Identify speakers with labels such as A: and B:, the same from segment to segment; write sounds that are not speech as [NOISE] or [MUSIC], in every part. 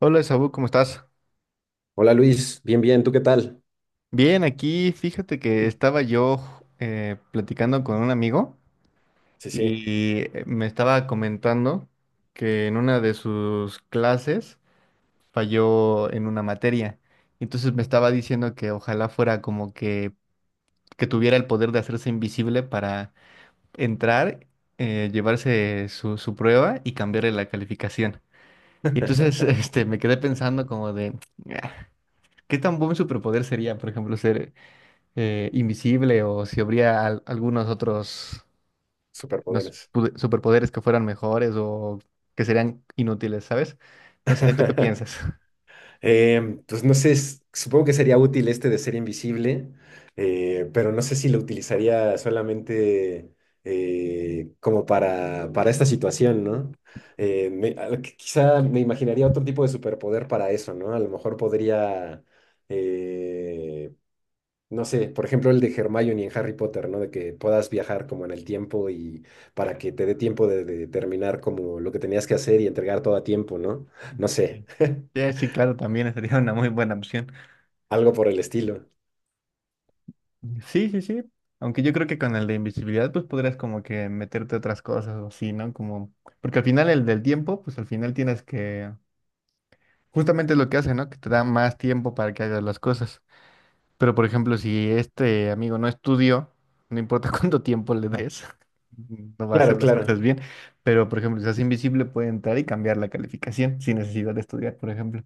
A: Hola, Saúl, ¿cómo estás?
B: Hola Luis, bien, bien, ¿tú qué tal?
A: Bien, aquí fíjate que estaba yo platicando con un amigo
B: Sí, sí.
A: y me estaba comentando que en una de sus clases falló en una materia. Entonces me estaba diciendo que ojalá fuera como que tuviera el poder de hacerse invisible para entrar, llevarse su prueba y cambiarle la calificación. Y entonces [LAUGHS]
B: [LAUGHS]
A: me quedé pensando como de, "Ah, ¿qué tan buen superpoder sería, por ejemplo, ser invisible o si habría algunos otros
B: Superpoderes.
A: superpoderes que fueran mejores o que serían inútiles, ¿sabes? No sé, ¿tú qué
B: [LAUGHS]
A: piensas? [LAUGHS]
B: Pues no sé, supongo que sería útil este de ser invisible, pero no sé si lo utilizaría solamente como para esta situación, ¿no? Quizá me imaginaría otro tipo de superpoder para eso, ¿no? A lo mejor podría, eh, No sé, por ejemplo, el de Hermione en Harry Potter, ¿no? De que puedas viajar como en el tiempo y para que te dé tiempo de terminar como lo que tenías que hacer y entregar todo a tiempo, ¿no? No sé,
A: Sí. Sí, sí, claro, también sería una muy buena opción.
B: algo por el estilo.
A: Sí, sí, sí. Aunque yo creo que con el de invisibilidad, pues podrías como que meterte otras cosas o así, ¿no? Como, porque al final el del tiempo, pues al final tienes que, justamente es lo que hace, ¿no? Que te da más tiempo para que hagas las cosas. Pero por ejemplo, si este amigo no estudió, no importa [LAUGHS] cuánto tiempo le des, no va a
B: Claro,
A: hacer las cosas
B: claro.
A: bien. Pero por ejemplo, si se hace invisible, puede entrar y cambiar la calificación sin necesidad de estudiar, por ejemplo.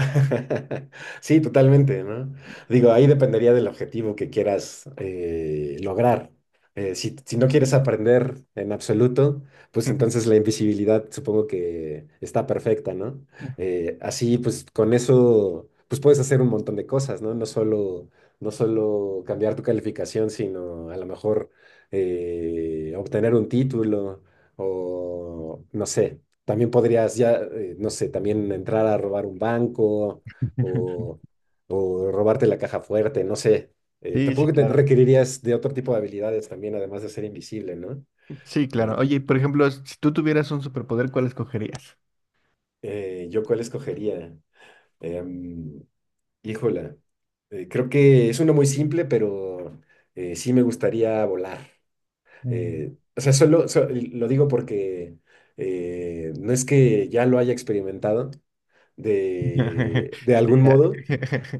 B: [LAUGHS] Sí, totalmente, ¿no? Digo, ahí dependería del objetivo que quieras lograr. Si no quieres aprender en absoluto, pues entonces la invisibilidad supongo que está perfecta, ¿no?
A: [LAUGHS]
B: Así, pues con eso, pues puedes hacer un montón de cosas, ¿no? No solo cambiar tu calificación, sino a lo mejor obtener un título o, no sé, también podrías ya, no sé, también entrar a robar un banco o, o robarte la caja fuerte, no sé.
A: Sí, sí,
B: Tampoco te
A: claro.
B: requerirías de otro tipo de habilidades también, además de ser invisible, ¿no?
A: Sí, claro.
B: Eh,
A: Oye, por ejemplo, si tú tuvieras un superpoder, ¿cuál escogerías?
B: ¿Yo cuál escogería? Em, Híjola, creo que es uno muy simple, pero sí me gustaría volar.
A: Mm.
B: O sea, lo digo porque no es que ya lo haya experimentado
A: [LAUGHS]
B: de
A: Sí,
B: algún
A: ya.
B: modo.
A: [LAUGHS]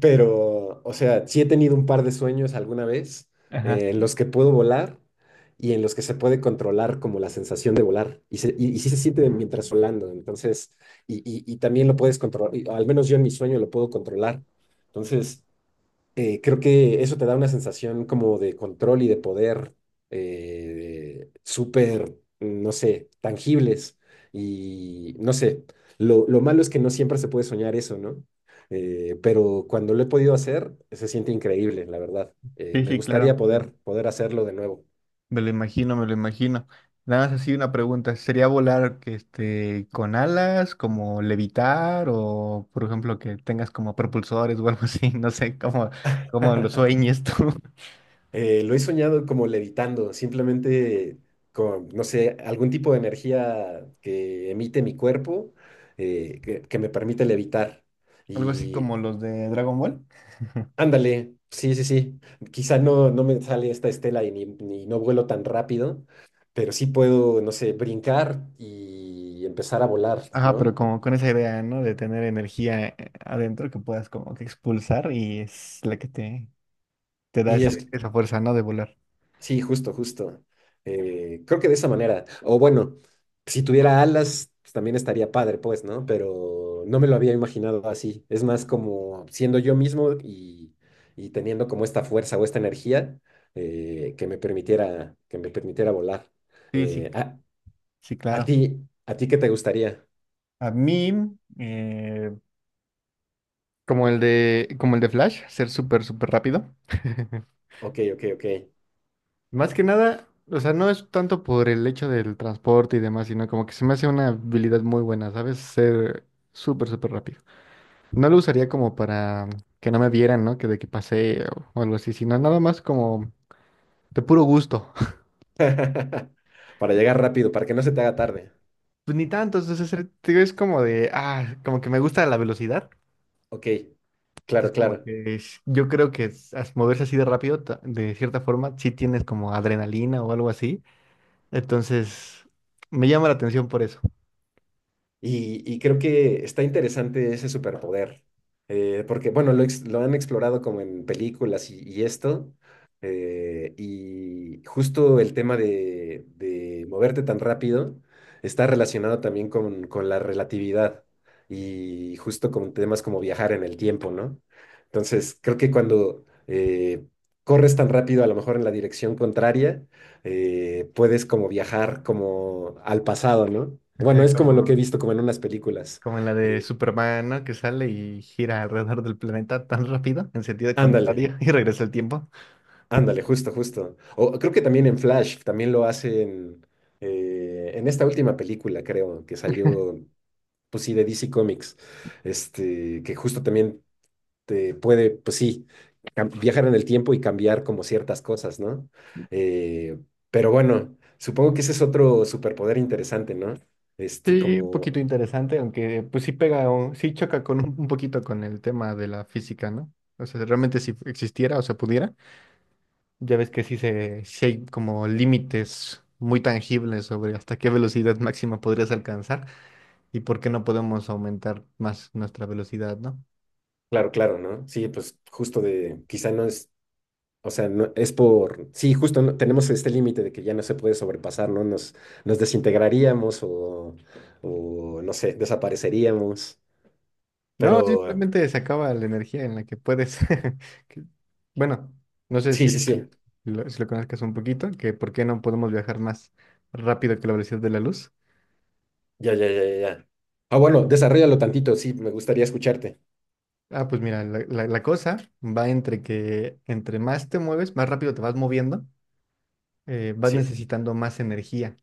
B: Pero, o sea, sí he tenido un par de sueños alguna vez
A: Ajá.
B: en los que puedo volar y en los que se puede controlar como la sensación de volar. Y sí se siente mientras volando. Entonces, y también lo puedes controlar, al menos yo en mi sueño lo puedo controlar. Entonces, creo que eso te da una sensación como de control y de poder súper, no sé, tangibles. Y no sé, lo malo es que no siempre se puede soñar eso, ¿no? Pero cuando lo he podido hacer, se siente increíble, la verdad. Eh,
A: Sí,
B: me
A: sí,
B: gustaría
A: claro.
B: poder, poder hacerlo de nuevo.
A: Me lo imagino, me lo imagino. Nada más así una pregunta. ¿Sería volar que este, con alas, como levitar, o por ejemplo que tengas como propulsores o algo así? [LAUGHS] No sé, como, como lo
B: [LAUGHS]
A: sueñes tú. [LAUGHS]
B: Lo he soñado como levitando, simplemente con, no sé, algún tipo de energía que emite mi cuerpo, que me permite levitar.
A: Algo así
B: Y
A: como los de Dragon Ball.
B: ándale, sí, sí, sí. Quizá no me sale esta estela ni no vuelo tan rápido, pero sí puedo, no sé, brincar y empezar a volar,
A: Ajá, pero
B: ¿no?
A: como con esa idea, ¿no? De tener energía adentro que puedas como que expulsar y es la que te da
B: Y es
A: esa fuerza, ¿no? De volar.
B: sí, justo, justo. Creo que de esa manera. O bueno, si tuviera alas, pues, también estaría padre, pues, ¿no? Pero no me lo había imaginado así. Es más como siendo yo mismo y teniendo como esta fuerza o esta energía que me permitiera volar.
A: Sí, sí,
B: Eh, a,
A: sí,
B: a
A: claro.
B: ti, ¿A ti qué te gustaría?
A: A mí, eh, como como el de Flash, ser súper, súper rápido. [LAUGHS]
B: Ok, ok, ok.
A: Más que nada, o sea, no es tanto por el hecho del transporte y demás, sino como que se me hace una habilidad muy buena, ¿sabes? Ser súper, súper rápido. No lo usaría como para que no me vieran, ¿no? Que de que pasé o algo así, sino nada más como de puro gusto. [LAUGHS]
B: [LAUGHS] Para llegar rápido, para que no se te haga tarde.
A: Pues ni tanto, entonces es como de, ah, como que me gusta la velocidad.
B: Ok, claro,
A: Entonces como
B: claro.
A: que yo creo que moverse así de rápido, de cierta forma, sí tienes como adrenalina o algo así. Entonces, me llama la atención por eso.
B: Y creo que está interesante ese superpoder, porque, bueno, lo han explorado como en películas y esto, y justo el tema de moverte tan rápido está relacionado también con la relatividad y justo con temas como viajar en el tiempo, ¿no? Entonces, creo que cuando corres tan rápido, a lo mejor en la dirección contraria, puedes como viajar como al pasado, ¿no? Bueno,
A: Ajá,
B: es como lo que he
A: como,
B: visto como en unas películas.
A: como en la de
B: Eh,
A: Superman, ¿no? Que sale y gira alrededor del planeta tan rápido, en sentido
B: Ándale,
A: contrario, [LAUGHS] y regresa el tiempo.
B: ándale, justo, justo. O creo que también en Flash, también lo hacen en esta última película, creo, que salió, pues sí, de DC Comics, este, que justo también te puede, pues sí, viajar en el tiempo y cambiar como ciertas cosas, ¿no? Eh, pero bueno, supongo que ese es otro superpoder interesante, ¿no? Este,
A: Sí, un
B: como
A: poquito interesante, aunque pues sí pega, o, sí choca con un poquito con el tema de la física, ¿no? O sea, realmente si existiera o se pudiera, ya ves que sí, sí hay como límites muy tangibles sobre hasta qué velocidad máxima podrías alcanzar y por qué no podemos aumentar más nuestra velocidad, ¿no?
B: claro, claro, ¿no? Sí, pues justo de, quizá no es, o sea, no, es por, sí, justo tenemos este límite de que ya no se puede sobrepasar, ¿no? Nos desintegraríamos o, no sé, desapareceríamos,
A: No,
B: pero
A: simplemente se acaba la energía en la que puedes. [LAUGHS] que- Bueno, no sé
B: sí,
A: si
B: sí, sí,
A: si lo conozcas un poquito, que por qué no podemos viajar más rápido que la velocidad de la luz.
B: ya, ya, ya, ya. Ya. Ah, bueno, desarrollalo tantito, sí, me gustaría escucharte.
A: Ah, pues mira, la cosa va entre que entre más te mueves, más rápido te vas moviendo, vas
B: Sí,
A: necesitando más energía.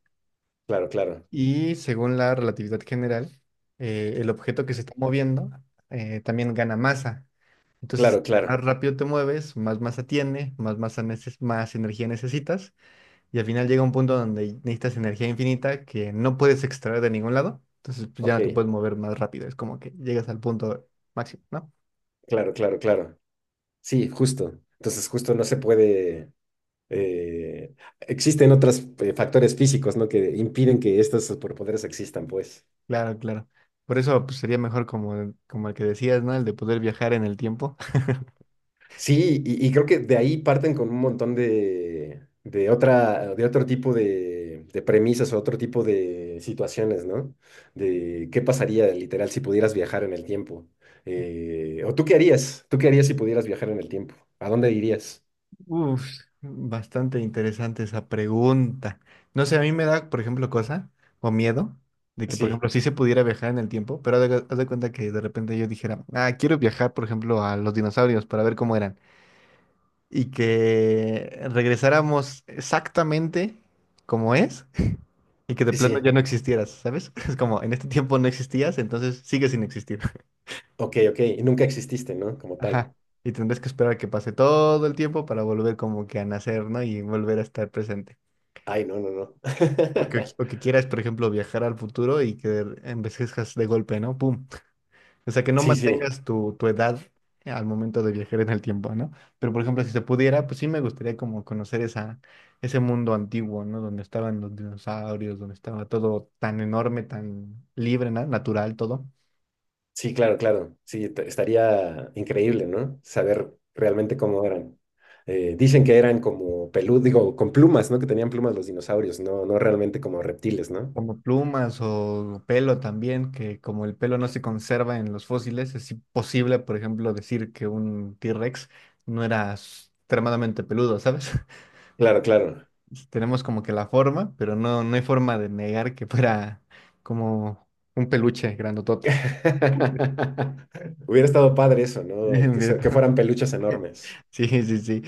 B: claro, claro,
A: Y según la relatividad general, el objeto que se está moviendo también gana masa. Entonces,
B: claro,
A: entre más
B: claro,
A: rápido te mueves, más masa tiene, más energía necesitas. Y al final llega un punto donde necesitas energía infinita que no puedes extraer de ningún lado. Entonces, pues ya
B: ok,
A: no te puedes mover más rápido. Es como que llegas al punto máximo, ¿no?
B: claro, claro, claro. Sí, justo. Entonces, justo no se puede. eh, Existen otros factores físicos, ¿no? Que impiden que estos superpoderes existan, pues.
A: Claro, claro. Por eso pues, sería mejor como, como el que decías, ¿no? El de poder viajar en el tiempo. [LAUGHS]
B: Sí, y creo que de ahí parten con un montón de otra, de otro tipo de premisas o otro tipo de situaciones, ¿no? De qué pasaría literal si pudieras viajar en el tiempo. O tú qué harías si pudieras viajar en el tiempo. ¿A dónde irías?
A: Uf, bastante interesante esa pregunta. No sé, a mí me da, por ejemplo, cosa o miedo de que, por
B: Sí,
A: ejemplo, sí se pudiera viajar en el tiempo, pero haz de cuenta que de repente yo dijera, ah, quiero viajar, por ejemplo, a los dinosaurios para ver cómo eran. Y que regresáramos exactamente como es y que de
B: sí,
A: plano
B: sí.
A: ya no existieras, ¿sabes? [LAUGHS] Es como en este tiempo no existías, entonces sigues sin existir. [LAUGHS]
B: Ok, ok. Y nunca exististe, ¿no? Como tal.
A: Ajá. Y tendrás que esperar a que pase todo el tiempo para volver como que a nacer, ¿no? Y volver a estar presente.
B: Ay, no, no, no. [LAUGHS]
A: O que quieras, por ejemplo, viajar al futuro y que envejezcas de golpe, ¿no? ¡Pum! O sea, que no
B: Sí, sí.
A: mantengas tu edad al momento de viajar en el tiempo, ¿no? Pero, por ejemplo, si se pudiera, pues sí me gustaría como conocer ese mundo antiguo, ¿no? Donde estaban los dinosaurios, donde estaba todo tan enorme, tan libre, ¿no? Natural todo.
B: Sí, claro, claro. Sí, estaría increíble, ¿no? Saber realmente cómo eran. Dicen que eran como peludos, digo, con plumas, ¿no? Que tenían plumas los dinosaurios, no, no realmente como reptiles, ¿no?
A: Como plumas o pelo también, que como el pelo no se conserva en los fósiles, es imposible, por ejemplo, decir que un T-Rex no era s- extremadamente peludo, ¿sabes? [LAUGHS]
B: Claro, claro.
A: Tenemos como que la forma, pero no, no hay forma de negar que fuera como un peluche grandotote.
B: [LAUGHS] Hubiera estado padre eso, ¿no?
A: [LAUGHS]
B: Que
A: ¿Verdad?
B: fueran peluches enormes.
A: Sí, sí, sí.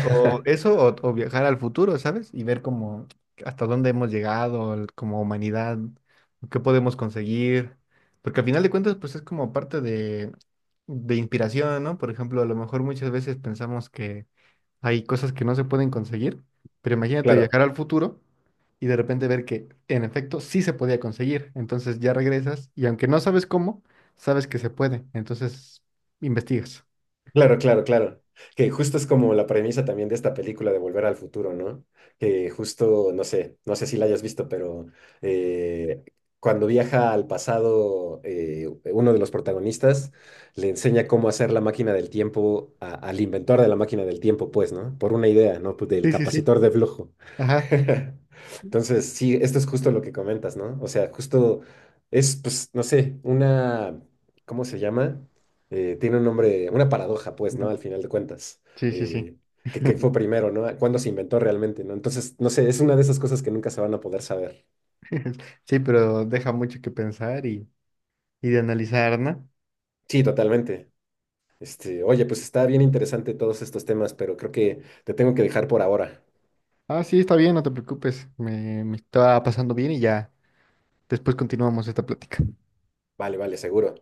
A: O eso, o viajar al futuro, ¿sabes? Y ver como hasta dónde hemos llegado como humanidad, qué podemos conseguir. Porque al final de cuentas, pues es como parte de inspiración, ¿no? Por ejemplo, a lo mejor muchas veces pensamos que hay cosas que no se pueden conseguir, pero imagínate
B: Claro.
A: viajar al futuro y de repente ver que en efecto sí se podía conseguir. Entonces ya regresas y aunque no sabes cómo, sabes que se puede. Entonces investigas.
B: Claro, claro, claro. Que justo es como la premisa también de esta película de Volver al Futuro, ¿no? Que justo, no sé, no sé si la hayas visto, pero eh, cuando viaja al pasado, uno de los protagonistas le enseña cómo hacer la máquina del tiempo al inventor de la máquina del tiempo, pues, ¿no? Por una idea, ¿no? Pues del
A: Sí, sí, sí.
B: capacitor de flujo.
A: Ajá.
B: [LAUGHS] Entonces, sí, esto es justo lo que comentas, ¿no? O sea, justo es, pues, no sé, una, ¿cómo se llama? Tiene un nombre, una paradoja, pues, ¿no?
A: No,
B: Al final de cuentas,
A: sí, sí, sí.
B: eh, que fue
A: [LAUGHS]
B: primero, ¿no? ¿Cuándo se inventó realmente, ¿no? Entonces, no sé, es una de esas cosas que nunca se van a poder saber.
A: Sí, pero deja mucho que pensar y de analizar, ¿no?
B: Sí, totalmente. Este, oye, pues está bien interesante todos estos temas, pero creo que te tengo que dejar por ahora.
A: Ah, sí, está bien, no te preocupes. Me estaba pasando bien y ya después continuamos esta plática.
B: Vale, vale, seguro.